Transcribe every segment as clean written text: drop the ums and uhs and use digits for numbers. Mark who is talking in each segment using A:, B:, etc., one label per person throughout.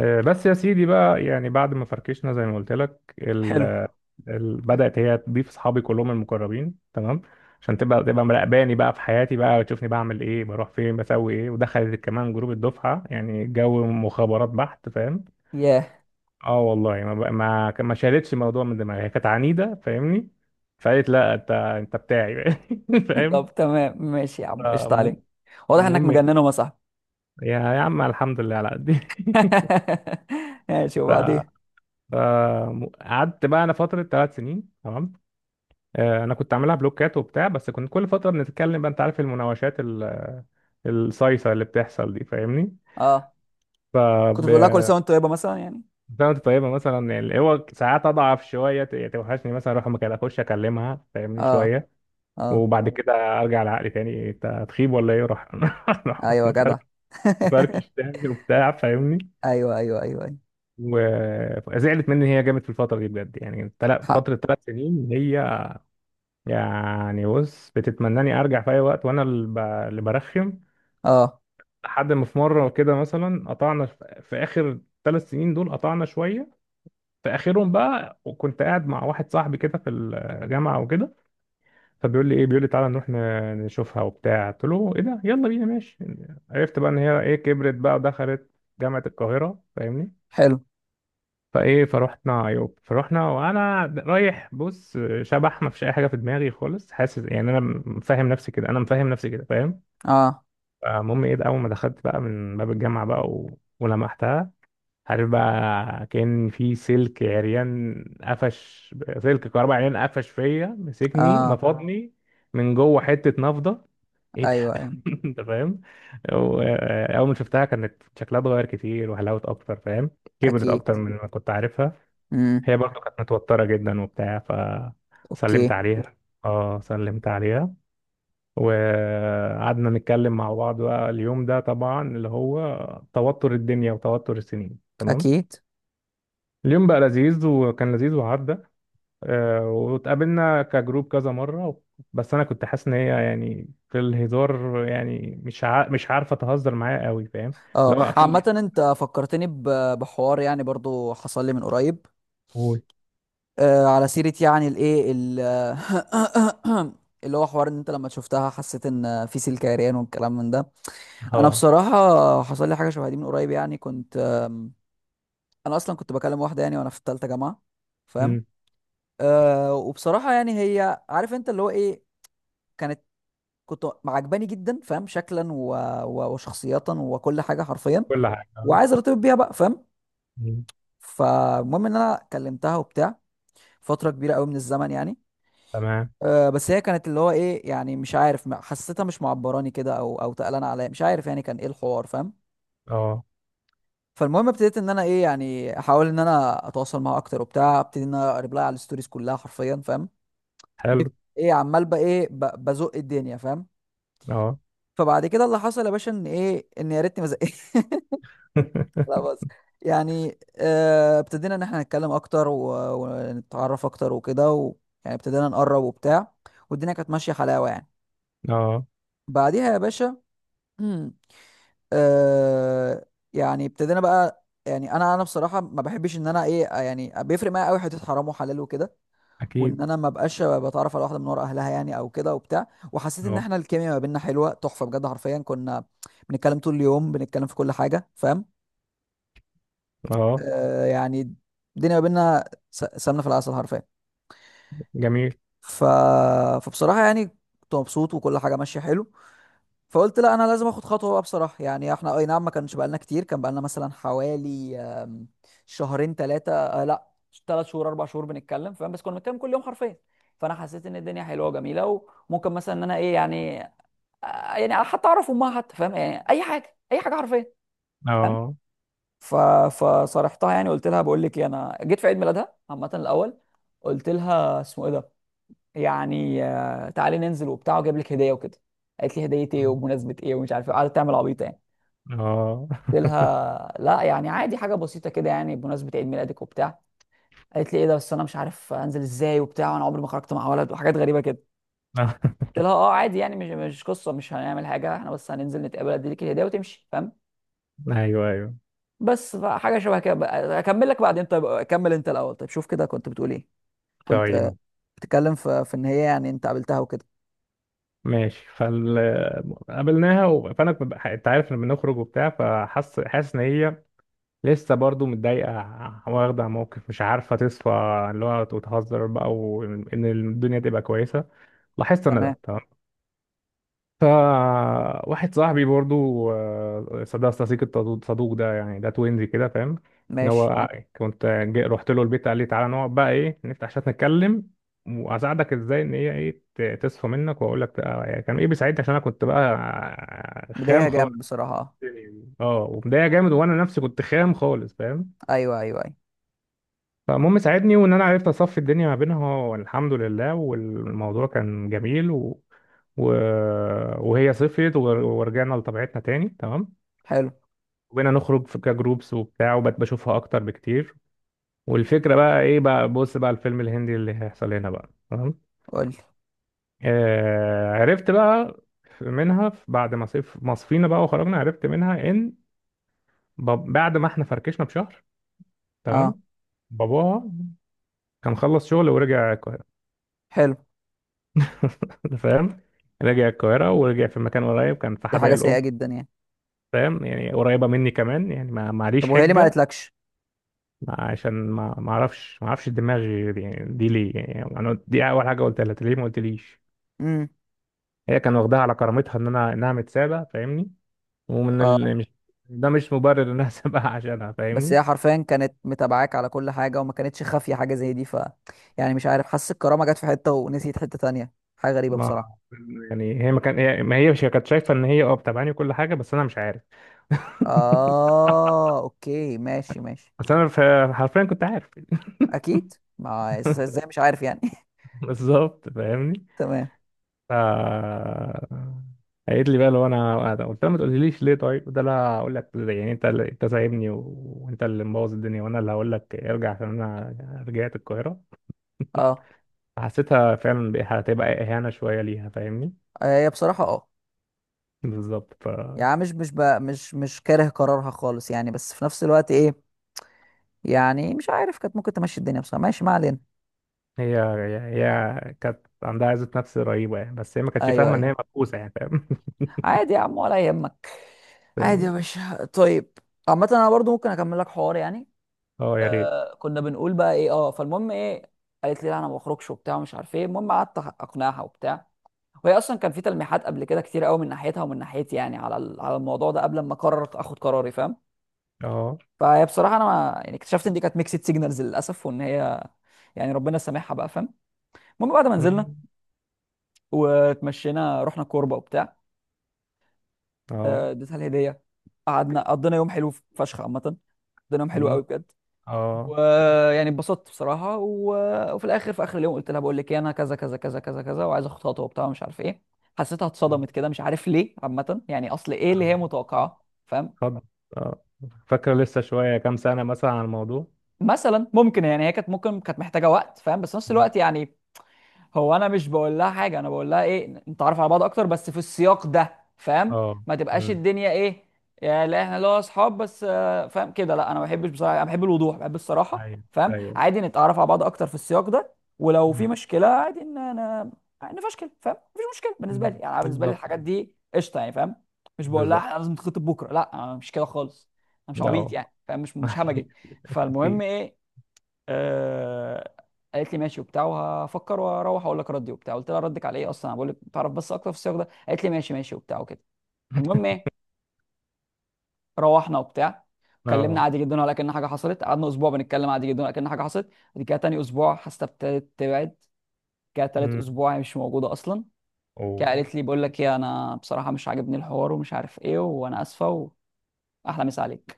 A: بس يا سيدي بقى يعني بعد ما فركشنا زي ما قلت لك
B: حلو.
A: بدأت هي تضيف اصحابي كلهم المقربين. تمام. عشان تبقى مراقباني بقى في حياتي بقى، وتشوفني بعمل ايه، بروح فين، بسوي ايه. ودخلت كمان جروب الدفعة، يعني جو مخابرات بحت، فاهم؟
B: ياه.
A: اه والله، ما بقى ما ما شالتش الموضوع من دماغي، هي كانت عنيدة فاهمني. فقالت لا انت انت بتاعي بقى. فاهم؟
B: طب، تمام، ماشي يا عم، قشطة عليك.
A: فالمهم-
B: واضح انك
A: المهم
B: مجنن
A: ايه،
B: وما صاحبي.
A: يا عم، الحمد لله على
B: ماشي،
A: قد
B: وبعدين؟
A: فقعدت بقى انا فتره 3 سنين، تمام. انا كنت عاملها بلوكات وبتاع، بس كنت كل فتره بنتكلم بقى، انت عارف المناوشات الصيصه اللي بتحصل دي فاهمني.
B: اه، كنت بتقول لها كل
A: فكانت
B: سنه وانت طيبه مثلا يعني.
A: طيبه مثلا يعني. هو ساعات اضعف شويه، يعني توحشني مثلا، اروح مكان اخش اكلمها فاهمني
B: اه.
A: شويه.
B: اه.
A: وبعد كده ارجع لعقلي تاني، انت هتخيب ولا ايه، راح راح
B: ايوه جدع.
A: مفركش مفركش تاني وبتاع فاهمني.
B: ايوه، ايوه، ايوه، ايوه.
A: وزعلت مني هي جامد في الفتره دي بجد يعني،
B: حق.
A: فتره ثلاث سنين هي يعني. بص، بتتمناني ارجع في اي وقت، وانا اللي اللي برخم.
B: اه.
A: لحد ما في مره كده مثلا قطعنا، في اخر 3 سنين دول قطعنا شويه، في اخرهم بقى. وكنت قاعد مع واحد صاحبي كده في الجامعه وكده، فبيقول لي ايه، بيقول لي تعالى نروح نشوفها وبتاع. قلت له ايه ده، يلا بينا ماشي. عرفت بقى ان هي ايه، كبرت بقى، ودخلت جامعه القاهره فاهمني.
B: حلو.
A: فروحنا عيوب، فروحنا وانا رايح، بص، شبح، ما فيش اي حاجه في دماغي خالص، حاسس يعني انا مفهم نفسي كده، انا مفهم نفسي كده فاهم.
B: اه.
A: المهم ايه ده، اول ما دخلت بقى من باب الجامعه بقى ولمحتها، عارف بقى، كان في سلك عريان، قفش سلك كهرباء عريان، قفش فيا، مسكني
B: اه.
A: نفضني من جوه حته نفضه، ايه ده
B: ايوه، ايوه.
A: انت فاهم. و- اول ما شفتها كانت شكلها اتغير كتير، وحلاوه اكتر فاهم، كبرت
B: اكيد.
A: اكتر من ما كنت عارفها.
B: امم.
A: هي برضو كانت متوترة جدا وبتاع. فسلمت
B: اوكي.
A: عليها، اه سلمت عليها، وقعدنا نتكلم مع بعض بقى اليوم ده. طبعا اللي هو توتر الدنيا وتوتر السنين تمام.
B: اكيد.
A: اليوم بقى لذيذ، وكان لذيذ وعدى. واتقابلنا كجروب كذا مرة. بس انا كنت حاسس ان هي يعني في الهزار يعني مش عارفة تهزر معايا قوي فاهم.
B: اه.
A: لا،
B: عامة
A: في.
B: انت فكرتني ب- بحوار يعني، برضو حصل لي من قريب.
A: قول.
B: على سيرة يعني الايه اللي هو حوار ان انت لما شفتها حسيت ان في سلك عريان والكلام من ده. انا
A: اه.
B: بصراحة حصل لي حاجة شبه دي من قريب، يعني كنت. انا اصلا كنت بكلم واحدة يعني وانا في التالتة جامعة. فاهم؟
A: أمم،
B: وبصراحة يعني، هي عارف انت اللي هو ايه، كانت كنت عجباني جدا، فاهم، شكلا و... و... وشخصية وكل حاجة حرفيا،
A: كل حاجة.
B: وعايز ارتبط بيها بقى، فاهم.
A: أمم،
B: فالمهم ان انا كلمتها وبتاع فترة كبيرة قوي من الزمن يعني.
A: تمام.
B: بس هي كانت اللي هو ايه، يعني مش عارف، حسيتها مش معبراني كده او او تقلانه عليا، مش عارف يعني كان ايه الحوار، فاهم.
A: اه.
B: فالمهم ابتديت ان انا ايه يعني، احاول ان انا اتواصل معاها اكتر وبتاع، ابتدي ان انا اقرب لها على الستوريز كلها حرفيا، فاهم.
A: حلو.
B: جيت ايه، عمال بقى ايه ب- بزق الدنيا، فاهم.
A: اه
B: فبعد كده اللي حصل يا باشا ان ايه، ان يا ريتني ما زقتش. لا بس يعني، ابتدينا ان احنا نتكلم اكتر و- ونتعرف اكتر وكده يعني ابتدينا نقرب وبتاع، والدنيا كانت ماشيه حلاوه يعني.
A: اه،
B: بعديها يا باشا، آه يعني ابتدينا بقى، يعني انا بصراحه ما بحبش ان انا ايه يعني، بيفرق معايا قوي حته حرام وحلال وكده، وان
A: اكيد.
B: انا ما بقاش بتعرف على واحده من ورا اهلها، يعني او كده وبتاع. وحسيت ان
A: اه.
B: احنا الكيمياء ما بيننا حلوه تحفه بجد، حرفيا كنا بنتكلم طول اليوم، بنتكلم في كل حاجه، فاهم.
A: اه،
B: يعني الدنيا ما بيننا س- سمنه في العسل حرفيا.
A: جميل.
B: ف... فبصراحه يعني كنت مبسوط وكل حاجه ماشيه حلو. فقلت لا، انا لازم اخد خطوه بقى، بصراحه يعني احنا اي نعم ما كانش بقالنا كتير، كان بقالنا مثلا حوالي، شهرين، ثلاثه لا 3 شهور، 4 شهور بنتكلم، فاهم، بس كنا بنتكلم كل يوم حرفيا. فانا حسيت ان الدنيا حلوه وجميله، وممكن مثلا ان انا ايه يعني، يعني حتى اعرف امها حتى، فاهم، يعني اي حاجه اي حاجه حرفيا، فاهم.
A: اه.
B: ف فصارحتها يعني، قلت لها بقول لك ايه، انا جيت في عيد ميلادها عامه الاول، قلت لها اسمه ايه ده، يعني تعالي ننزل وبتاع، واجيب لك هديه وكده. قالت لي هديه ايه، وبمناسبه ايه، ومش عارف ايه، قعدت تعمل عبيطه يعني.
A: اه
B: قلت لها لا يعني، عادي حاجه بسيطه كده يعني، بمناسبه عيد ميلادك وبتاع. قالت لي ايه ده، بس انا مش عارف انزل ازاي وبتاع، وانا عمري ما خرجت مع ولد وحاجات غريبه كده. قلت لها اه عادي يعني، مش قصه، مش هنعمل حاجه، احنا بس هننزل نتقابل، اديلك الهديه وتمشي، فاهم.
A: ايوه، ايوه.
B: بس حاجه شبه كده اكمل لك بعدين، طيب اكمل انت الاول، طيب شوف كده، كنت بتقول ايه، كنت
A: طيب.
B: بتتكلم في ان هي يعني انت قابلتها وكده.
A: ماشي. فال، قابلناها فانا كنت انت عارف لما بنخرج وبتاع، حاسس ان هي لسه برضو متضايقه، واخده موقف، مش عارفه تصفى، اللي هو وتهزر بقى، وان الدنيا تبقى كويسه. لاحظت انا
B: تمام.
A: ده. فواحد صاحبي برضو، صدق صديق الصدوق صدوق ده، يعني ده توينزي كده فاهم، ان
B: ماشي.
A: هو كنت جاي رحت له البيت، قال لي تعالى نقعد بقى ايه، نفتح عشان نتكلم، واساعدك ازاي ان هي ايه تصفى منك. واقول لك يعني كان ايه بيساعدني عشان انا كنت بقى خام
B: بداية
A: خالص.
B: جامد بصراحه. اه.
A: اه، ومضايق جامد، وانا نفسي كنت خام خالص فاهم.
B: ايوه، ايوه، ايوه.
A: فالمهم ساعدني، وان انا عرفت اصفي الدنيا ما بينها، والحمد لله، والموضوع كان جميل و... وهي صفيت ورجعنا لطبيعتنا تاني، تمام.
B: حلو.
A: وبقينا نخرج في كجروبس وبتاع، وبقت بشوفها اكتر بكتير. والفكره بقى ايه بقى، بص بقى، الفيلم الهندي اللي هيحصل هنا بقى، تمام.
B: قول لي.
A: آه، عرفت بقى منها، بعد ما صف ما صفينا بقى وخرجنا، عرفت منها ان بعد ما احنا فركشنا بشهر،
B: اه.
A: تمام. باباها كان خلص شغل ورجع.
B: حلو.
A: أنت فاهم. رجع القاهرة، ورجع في مكان قريب، كان في
B: دي
A: حدائق
B: حاجه سيئه
A: القبة،
B: جدا يعني.
A: فاهم؟ يعني قريبة مني كمان، يعني ما
B: طب
A: معليش
B: وهي ليه ما
A: حجة.
B: قالتلكش؟
A: عشان ما اعرفش دماغي دي, ليه يعني. انا دي اول حاجة قلتها لها، "أنت ليه ما قلتليش؟"
B: امم.
A: هي كان واخداها على كرامتها، ان انا انها متسابة فاهمني.
B: اه.
A: مش ده، مش مبرر انها سابقة عشانها
B: بس
A: فاهمني.
B: هي حرفيا كانت متابعاك على كل حاجة، وما كانتش خافية حاجة زي دي، يعني مش عارف، حاسس الكرامة جت في حتة ونسيت حتة تانية، حاجة غريبة
A: ما
B: بصراحة.
A: يعني هي ما هي مش كانت شايفة ان هي اه بتابعني وكل حاجة، بس انا مش عارف.
B: اه. اوكي، ماشي ماشي.
A: بس انا حرفيا كنت عارف
B: اكيد، ما ازاي مش عارف يعني.
A: بالظبط فاهمني.
B: تمام.
A: ف، قالت لي بقى، لو انا، قلت لها ما تقوليليش ليه؟ طيب ده، لا هقول لك يعني، انت اللي انت سايبني، وانت اللي مبوظ الدنيا، وانا اللي هقول لك ارجع عشان انا رجعت القاهره.
B: اه.
A: حسيتها فعلا هتبقى اهانه شويه ليها فاهمني.
B: هي بصراحة اه
A: بالظبط. ف،
B: يعني، مش مش كاره قرارها خالص يعني، بس في نفس الوقت ايه، يعني مش عارف، كانت ممكن تمشي الدنيا بصراحة، ماشي ما علينا.
A: هي هي كانت عندها عزة نفس رهيبة يعني، بس هي ما كانتش
B: ايوه،
A: فاهمة إن
B: ايوه.
A: هي مبؤوسة يعني فاهم.
B: عادي يا عم ولا يهمك. عادي يا
A: فاهمني.
B: باشا. طيب، عامة انا برضو ممكن اكمل لك حوار يعني،
A: اه، يا ريت.
B: كنا بنقول بقى ايه، اه فالمهم ايه، قالت لي لا انا ما بخرجش وبتاع، ومش عارف ايه، المهم قعدت اقنعها وبتاع، وهي اصلا كان في تلميحات قبل كده كتير قوي، من ناحيتها ومن ناحيتي يعني، على الموضوع ده قبل ما قررت اخد قراري، فاهم.
A: اه.
B: فهي بصراحه، انا ما يعني اكتشفت ان دي كانت ميكسد سيجنالز للاسف، وان هي يعني ربنا سامحها بقى، فاهم. المهم، بعد ما نزلنا
A: مم.
B: واتمشينا رحنا كوربه وبتاع،
A: اه.
B: اديتها الهديه، قعدنا قضينا يوم حلو فشخ عامه، قضينا يوم حلو
A: مم.
B: قوي بجد،
A: اه.
B: ويعني اتبسطت بصراحه. وفي الاخر، في اخر اليوم قلت لها بقول لك ايه، انا كذا كذا كذا كذا كذا، وعايز اخد خطوه وبتاع، مش عارف ايه. حسيتها
A: مم.
B: اتصدمت كده، مش عارف ليه، عامه يعني اصل ايه اللي هي
A: اه.
B: متوقعاه، فاهم.
A: خد. آه. فاكرة لسه شوية كام سنة مثلا عن الموضوع.
B: مثلا ممكن يعني هي كانت ممكن كانت محتاجه وقت، فاهم، بس في نفس
A: مم.
B: الوقت يعني، هو انا مش بقول لها حاجه، انا بقول لها ايه، نتعرف على بعض اكتر بس في السياق ده، فاهم،
A: اه.
B: ما تبقاش
A: امم.
B: الدنيا ايه، يا لا احنا لو اصحاب بس، فاهم كده، لا انا ما بحبش بصراحه، انا بحب الوضوح، بحب الصراحه،
A: ايوه،
B: فاهم،
A: ايوه.
B: عادي نتعرف على بعض اكتر في السياق ده، ولو في
A: مم.
B: مشكله عادي ان انا نفشكل، فاهم، مفيش مشكله بالنسبه لي
A: مم.
B: يعني، أنا بالنسبه لي
A: بالظبط.
B: الحاجات دي قشطه يعني، فاهم. مش بقول لها
A: بالظبط.
B: احنا لازم نتخطب بكره، لا أنا مش كده خالص، انا مش عبيط
A: اه
B: يعني، فاهم، مش مش همجي.
A: اكيد.
B: فالمهم
A: أكيد.
B: ايه، آه قالت لي ماشي وبتاع، وهفكر واروح اقول لك ردي وبتاع، قلت لها ردك على ايه اصلا، انا بقول لك تعرف بس اكتر في السياق ده، قالت لي ماشي ماشي وبتاع وكده. المهم ايه، روحنا وبتاع، اتكلمنا
A: اه.
B: عادي جدا ولا كأن حاجه حصلت، قعدنا اسبوع بنتكلم عادي جدا ولا كأن حاجه حصلت، بعد كده تاني اسبوع حاسه ابتدت تبعد كده، تالت
A: امم.
B: اسبوع هي مش موجوده اصلا كده،
A: اوه.
B: قالت لي بقول لك ايه، انا بصراحه مش عاجبني الحوار، ومش عارف ايه، وانا اسفه، واحلى مسا عليك.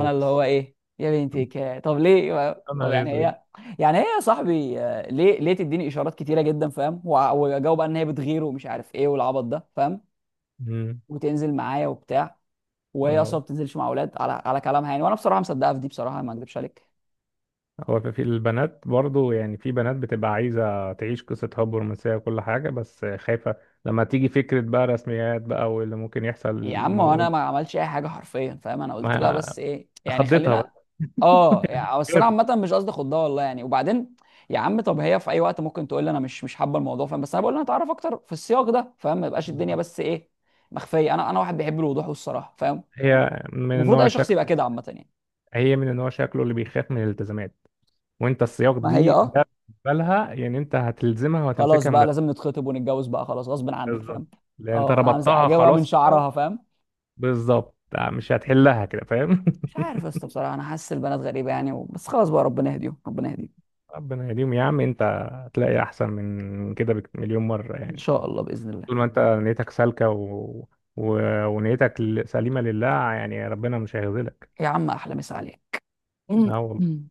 B: انا اللي هو ايه، يا بنتي طب ليه،
A: يا
B: طب
A: نهار
B: يعني
A: اسود.
B: هي، يا صاحبي، ليه ليه تديني اشارات كتيره جدا، فاهم، واجاوب بقى ان هي بتغير، ومش عارف ايه، والعبط ده، فاهم،
A: امم.
B: وتنزل معايا وبتاع، وهي اصلا
A: اه.
B: ما بتنزلش مع اولاد على كلامها يعني، وانا بصراحه مصدقها في دي، بصراحه ما اكذبش عليك.
A: هو في، في البنات برضو يعني، في بنات بتبقى عايزة تعيش قصة حب رومانسية وكل حاجة، بس خايفة لما تيجي فكرة بقى رسميات بقى واللي ممكن يحصل
B: يا عم هو
A: الموضوع.
B: انا ما عملتش اي حاجه حرفيا، فاهم، انا قلت لها
A: ما
B: بس ايه، يعني
A: خضتها
B: خلينا
A: بقى.
B: اه يعني، بس انا
A: خافت.
B: عامه مش قصدي خدها والله يعني، وبعدين يا عم طب هي في اي وقت ممكن تقول لي انا مش حابه الموضوع، فاهم، بس انا بقول لها اتعرف اكتر في السياق ده، فاهم، ما يبقاش الدنيا بس ايه مخفيه، انا واحد بيحب الوضوح والصراحه، فاهم،
A: هي من
B: المفروض
A: النوع
B: اي شخص يبقى
A: شكله
B: كده عامه يعني.
A: هي من النوع شكله اللي بيخاف من الالتزامات. وانت السياق
B: ما هي اه،
A: ده بالنسبه لها، يعني انت هتلزمها
B: خلاص
A: وهتمسكها من
B: بقى
A: ده.
B: لازم نتخطب ونتجوز بقى، خلاص غصب عنك،
A: بالظبط،
B: فاهم.
A: لان انت
B: اه، همسك
A: ربطتها
B: اجيبها من
A: خلاص كده.
B: شعرها، فاهم.
A: بالظبط، مش هتحلها كده فاهم.
B: مش عارف يا اسطى بصراحه، انا حاسس البنات غريبه يعني، بس خلاص بقى، ربنا يهديهم ربنا يهديهم،
A: ربنا يديم يا عم انت. هتلاقي احسن من كده مليون مره
B: ان
A: يعني.
B: شاء الله، باذن الله.
A: طول ما انت نيتك سالكه و... ونيتك سليمه لله يعني، ربنا مش هيخذلك.
B: يا عم احلى مسا عليك.
A: لا والله.
B: مم.